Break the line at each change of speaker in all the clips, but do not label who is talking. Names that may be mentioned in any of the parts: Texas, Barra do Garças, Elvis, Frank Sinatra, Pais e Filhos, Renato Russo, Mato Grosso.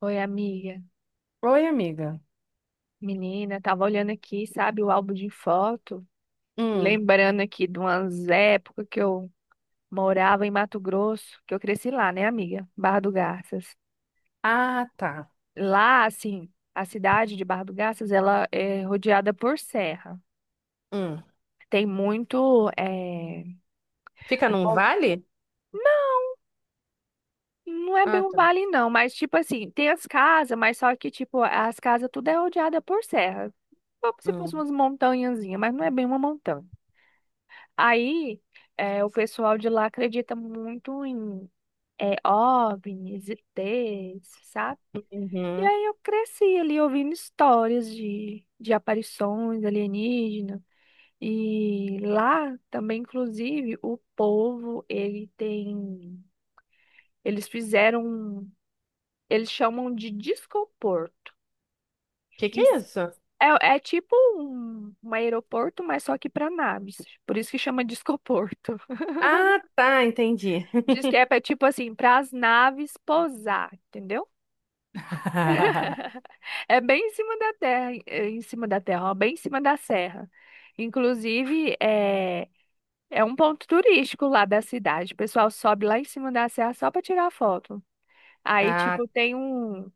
Oi, amiga.
Oi, amiga.
Menina, tava olhando aqui, sabe, o álbum de foto,
Hum.
lembrando aqui de umas épocas que eu morava em Mato Grosso, que eu cresci lá, né, amiga? Barra do Garças.
Ah, tá.
Lá, assim, a cidade de Barra do Garças, ela é rodeada por serra.
Hum.
Tem muito,
Fica
o
num
po-
vale?
não é bem
Ah,
um
tá.
vale, não, mas tipo assim, tem as casas, mas só que, tipo, as casas tudo é rodeada por serra. Como se fosse
Hum.
umas montanhazinhas, mas não é bem uma montanha. Aí, o pessoal de lá acredita muito em OVNIs, ETs, sabe? E
Uhum.
aí eu cresci ali ouvindo histórias de aparições alienígenas. E lá também, inclusive, o povo, ele tem... Eles fizeram... um- Eles chamam de discoporto.
Que é
Isso
isso?
é, é tipo um aeroporto, mas só que para naves. Por isso que chama discoporto.
Ah, tá, entendi.
Disquepa é tipo assim, para as naves pousar, entendeu? É bem em cima da terra, é em cima da terra, ó, bem em cima da serra. Inclusive, é um ponto turístico lá da cidade. O pessoal sobe lá em cima da serra só para tirar foto. Aí,
Ah,
tipo, tem um.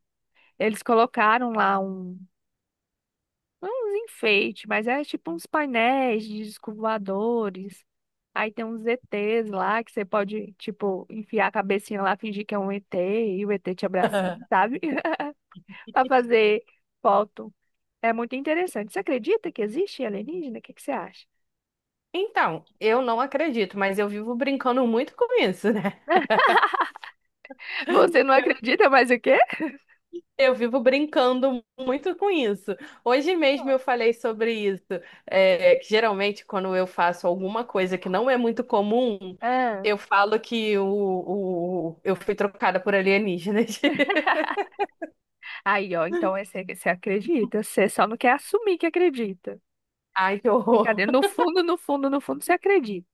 Eles colocaram lá um, uns enfeites, mas é tipo uns painéis de discos voadores. Aí tem uns ETs lá que você pode, tipo, enfiar a cabecinha lá, fingir que é um ET e o ET te abraçando, sabe? Para fazer foto. É muito interessante. Você acredita que existe alienígena? O que que você acha?
então, eu não acredito, mas eu vivo brincando muito com isso, né?
Você não acredita mais o quê?
Eu vivo brincando muito com isso. Hoje mesmo eu falei sobre isso. É, que geralmente, quando eu faço alguma coisa que não é muito comum,
Ah.
eu falo que eu fui trocada por alienígenas.
Aí, ó, então é você, você acredita, você só não quer assumir que acredita.
Ai, que horror.
Brincadeira, no fundo, no fundo, no fundo, você acredita.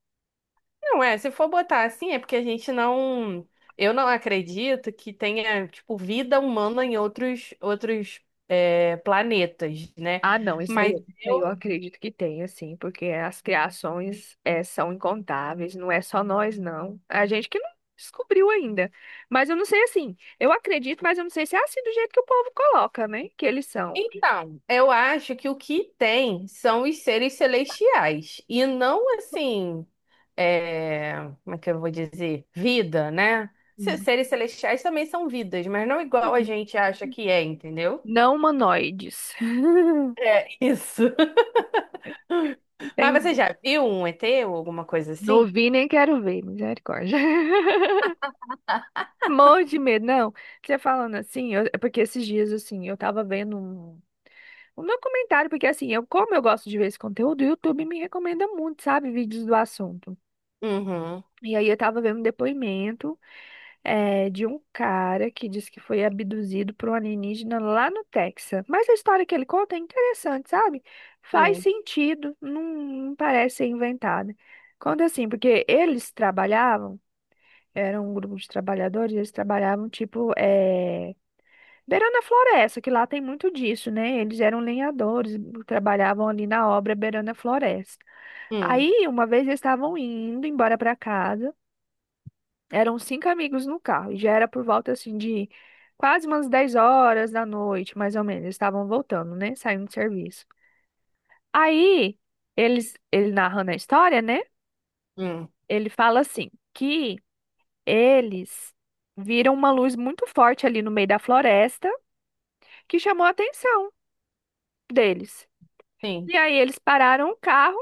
Não é, se for botar assim, é porque a gente não. Eu não acredito que tenha, tipo, vida humana em outros, é, planetas, né?
Ah, não,
Mas.
isso aí eu
eu
acredito que tem, assim, porque as criações é, são incontáveis, não é só nós, não. A gente que não descobriu ainda. Mas eu não sei, assim, eu acredito, mas eu não sei se é assim do jeito que o povo coloca, né? Que eles são.
Então, eu acho que o que tem são os seres celestiais e não assim, é, como é que eu vou dizer? Vida, né? Seres celestiais também são vidas, mas não igual a gente acha que é, entendeu?
Não humanoides.
É isso. Mas você
Tem...
já viu um ET ou alguma coisa
Não
assim?
vi nem quero ver, misericórdia. Morro de medo. Não, você falando assim, é porque esses dias, assim, eu tava vendo um documentário, porque assim, eu, como eu gosto de ver esse conteúdo, o YouTube me recomenda muito, sabe, vídeos do assunto.
Uhum.
E aí eu tava vendo um depoimento. É, de um cara que diz que foi abduzido por um alienígena lá no Texas. Mas a história que ele conta é interessante, sabe? Faz
Hum,
sentido, não, não parece ser inventada. Conta assim, porque eles trabalhavam, era um grupo de trabalhadores, eles trabalhavam beirando a floresta, que lá tem muito disso, né? Eles eram lenhadores, trabalhavam ali na obra beirando a floresta.
hum,
Aí, uma vez eles estavam indo embora para casa. Eram cinco amigos no carro e já era por volta assim de quase umas 10 horas da noite, mais ou menos. Eles estavam voltando, né? Saindo do serviço. Aí, eles, ele narrando a história, né?
hum.
Ele fala assim, que eles viram uma luz muito forte ali no meio da floresta que chamou a atenção deles.
Sim,
E aí eles pararam o carro.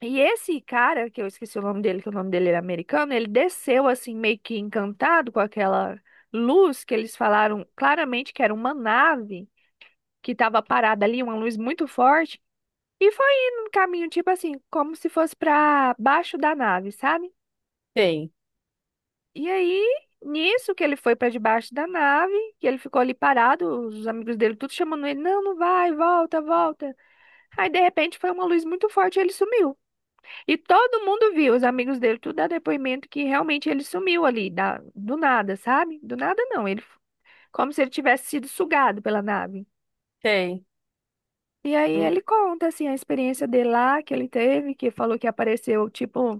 E esse cara, que eu esqueci o nome dele, que o nome dele era americano, ele desceu assim meio que encantado com aquela luz que eles falaram claramente que era uma nave que estava parada ali, uma luz muito forte, e foi indo no caminho tipo assim, como se fosse para baixo da nave, sabe?
tem,
E aí, nisso que ele foi para debaixo da nave, que ele ficou ali parado, os amigos dele tudo chamando ele, não, não vai, volta, volta. Aí de repente foi uma luz muito forte e ele sumiu. E todo mundo viu, os amigos dele, tudo dá depoimento que realmente ele sumiu ali, da, do nada, sabe? Do nada não, ele, como se ele tivesse sido sugado pela nave.
tem.
E aí
Hum,
ele conta, assim, a experiência dele lá, que ele teve, que falou que apareceu, tipo,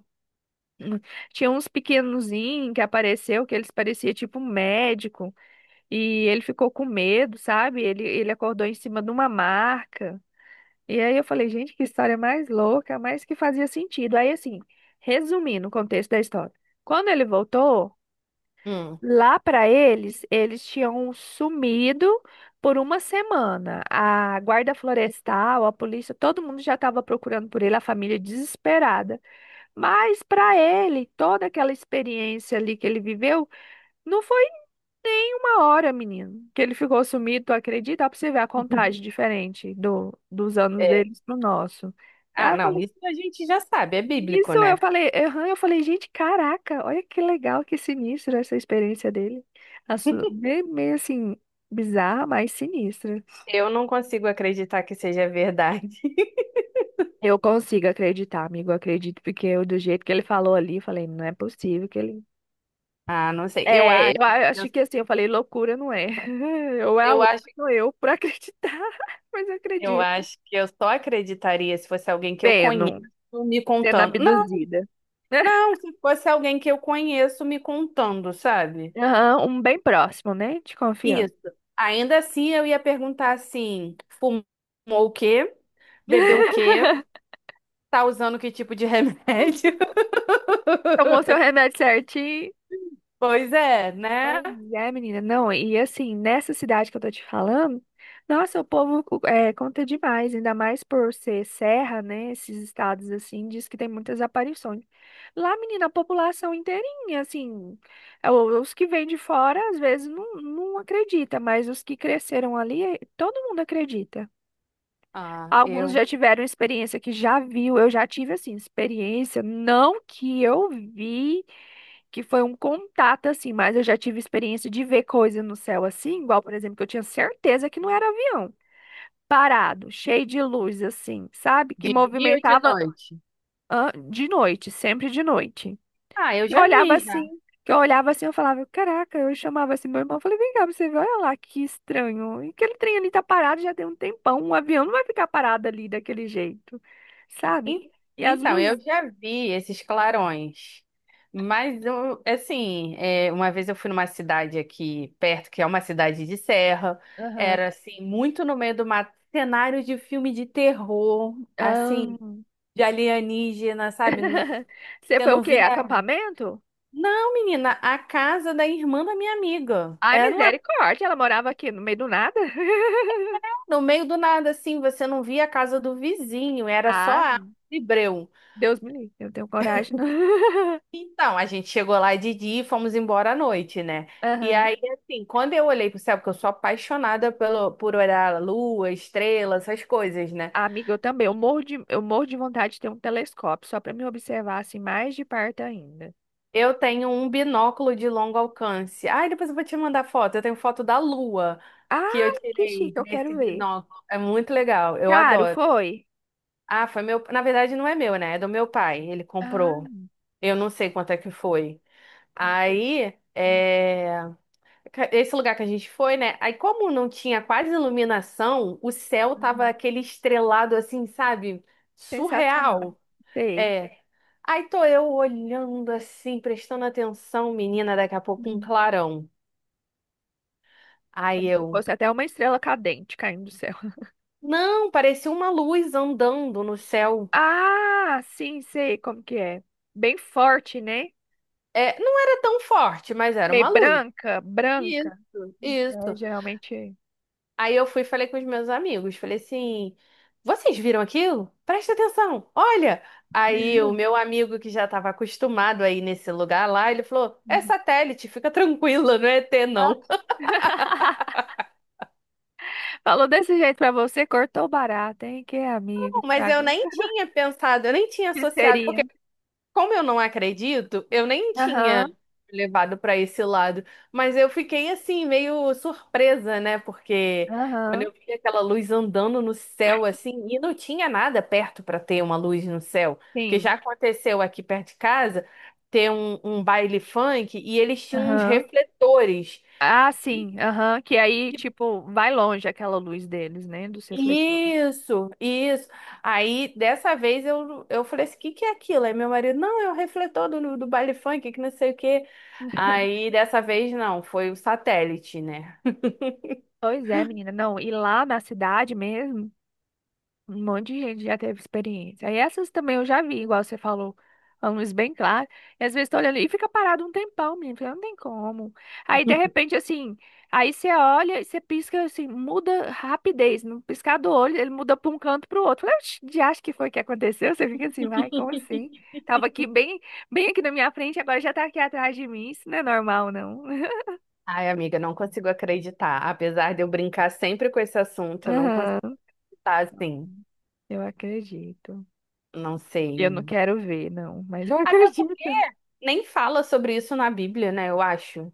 hum, tinha uns pequenozinhos que apareceu, que eles pareciam, tipo, um médico, e ele ficou com medo, sabe? Ele acordou em cima de uma marca. E aí eu falei, gente, que história mais louca, mas que fazia sentido. Aí, assim, resumindo o contexto da história. Quando ele voltou,
hum.
lá para eles, eles tinham sumido por uma semana. A guarda florestal, a polícia, todo mundo já estava procurando por ele, a família desesperada. Mas para ele, toda aquela experiência ali que ele viveu, não foi tem uma hora, menino, que ele ficou sumido, tu acredita? Ó, pra você ver a contagem diferente do, dos anos
É.
deles pro nosso.
Ah,
Aí eu
não,
falei,
isso a gente já sabe, é bíblico,
isso, eu
né?
falei, aham, eu falei, gente, caraca, olha que legal, que sinistro essa experiência dele. Meio, meio assim, bizarra, mas sinistra.
Eu não consigo acreditar que seja verdade.
Eu consigo acreditar, amigo, eu acredito, porque eu, do jeito que ele falou ali, eu falei, não é possível que ele.
Ah, não sei. Eu,
Acho que assim, eu falei, loucura não é. Ou é a
eu
louca,
acho,
sou eu, por acreditar, mas eu
eu
acredito.
acho que eu só acreditaria se fosse alguém que eu conheço
Pena.
me
Sendo
contando. Não,
abduzida.
não, Se fosse alguém que eu conheço me contando, sabe?
Aham, um bem próximo, né? De confiança.
Isso. Ainda assim, eu ia perguntar assim: fumou o quê? Bebeu o quê? Tá usando que tipo de remédio?
Tomou seu remédio certinho.
Pois é, né?
Pois é, menina. Não, e assim, nessa cidade que eu tô te falando, nossa, o povo é, conta demais, ainda mais por ser serra, né? Esses estados assim, diz que tem muitas aparições. Lá, menina, a população inteirinha, assim, os que vêm de fora às vezes não, não acredita, mas os que cresceram ali, eh, todo mundo acredita.
Ah,
Alguns
eu.
já tiveram experiência que já viu, eu já tive assim, experiência, não que eu vi, que foi um contato assim, mas eu já tive experiência de ver coisa no céu assim, igual, por exemplo, que eu tinha certeza que não era avião, parado, cheio de luz assim, sabe? Que
De dia ou de
movimentava.
noite?
Ah, de noite, sempre de noite.
Ah, eu
Eu
já
olhava
vi.
assim, que eu olhava assim, eu falava, caraca, eu chamava assim meu irmão, eu falei, vem cá, pra você ver, olha lá que estranho. E aquele trem ali tá parado já tem um tempão, um avião não vai ficar parado ali daquele jeito, sabe?
En-
E as
Então, eu
luzes.
já vi esses clarões, mas eu, assim, é, uma vez eu fui numa cidade aqui perto, que é uma cidade de serra,
Aham.
era assim, muito no meio do mato, cenário de filme de terror, assim,
Ahn.
de alienígena, sabe?
Você
Você
foi o
não
quê?
via.
Acampamento?
Não, menina, a casa da irmã da minha amiga.
Ai,
Era lá,
misericórdia, ela morava aqui no meio do nada.
no meio do nada, assim, você não via a casa do vizinho, era só
Ah,
a breu.
Deus me livre, eu tenho coragem. Não.
Então, a gente chegou lá de dia e fomos embora à noite, né? E
Aham.
aí, assim, quando eu olhei pro céu, porque eu sou apaixonada pelo, por olhar a lua, estrela, essas coisas, né?
Amiga, eu também. Eu morro de vontade de ter um telescópio, só para me observar assim mais de perto ainda.
Eu tenho um binóculo de longo alcance. Ai, depois eu vou te mandar foto. Eu tenho foto da lua que eu
Ai, que
tirei
chique, eu
nesse
quero ver.
binóculo. É muito legal, eu
Caro,
adoro.
foi?
Ah, foi meu. Na verdade, não é meu, né? É do meu pai. Ele
Ah,
comprou. Eu não sei quanto é que foi. Aí, é. Esse lugar que a gente foi, né? Aí, como não tinha quase iluminação, o céu tava
uhum.
aquele estrelado assim, sabe?
Sensacional.
Surreal.
Sei.
É. Aí tô eu olhando assim, prestando atenção, menina, daqui a pouco um
Uhum.
clarão. Aí
Como se
eu,
fosse até uma estrela cadente caindo do céu.
não, parecia uma luz andando no céu.
Ah, sim, sei como que é. Bem forte, né?
É, não era tão forte, mas era
Meio
uma luz.
branca, branca.
Isso,
É,
isso.
geralmente.
Aí eu fui e falei com os meus amigos, falei assim, vocês viram aquilo? Presta atenção, olha! Aí o meu amigo que já estava acostumado aí nesse lugar lá, ele falou, é
Uhum.
satélite, fica tranquila, não é ET não.
Ah. Falou desse jeito pra você, cortou barato, hein? Que amigo,
Mas eu
estragou.
nem tinha pensado, eu nem tinha associado,
Seria.
porque como eu não acredito, eu nem
Aham,
tinha levado para esse lado, mas eu fiquei assim meio surpresa, né? Porque quando
aham,
eu vi aquela luz andando no céu assim, e não tinha nada perto para ter uma luz no céu, porque
sim.
já aconteceu aqui perto de casa ter um baile funk e eles tinham uns
Aham.
refletores.
Ah, sim, aham. Que aí, tipo, vai longe aquela luz deles, né? Dos refletores.
Isso, isso. Aí, dessa vez, eu falei assim, o que que é aquilo? Aí meu marido, não, é o refletor do baile funk, que não sei o quê. Aí, dessa vez, não, foi o satélite, né?
Pois é, menina. Não, e lá na cidade mesmo. Um monte de gente já teve experiência. Aí essas também eu já vi, igual você falou, a luz bem clara. E às vezes tá olhando e fica parado um tempão, menino, porque não tem como. Aí de repente, assim, aí você olha e você pisca, assim, muda rapidez. No piscar do olho, ele muda para um canto para o outro. De acho que foi o que aconteceu. Você fica assim, ai, como assim? Tava aqui bem, bem aqui na minha frente, agora já tá aqui atrás de mim. Isso não é normal, não.
Ai, amiga, não consigo acreditar. Apesar de eu brincar sempre com esse assunto, eu não consigo
Aham,
estar assim,
eu acredito.
não
Eu não
sei.
quero ver, não, mas eu
Até
acredito.
porque nem fala sobre isso na Bíblia, né? Eu acho.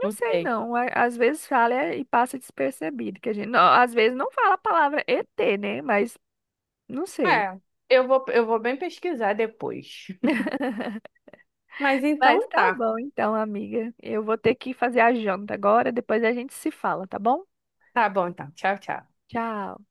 Não
Não
sei
sei.
não. Às vezes fala é, e passa despercebido, que a gente, não, às vezes não fala a palavra ET, né? Mas não sei.
É, eu vou bem pesquisar depois. Mas
Mas
então
tá
tá.
bom então, amiga. Eu vou ter que fazer a janta agora, depois a gente se fala, tá bom?
Tá bom, então. Tchau, tchau.
Tchau.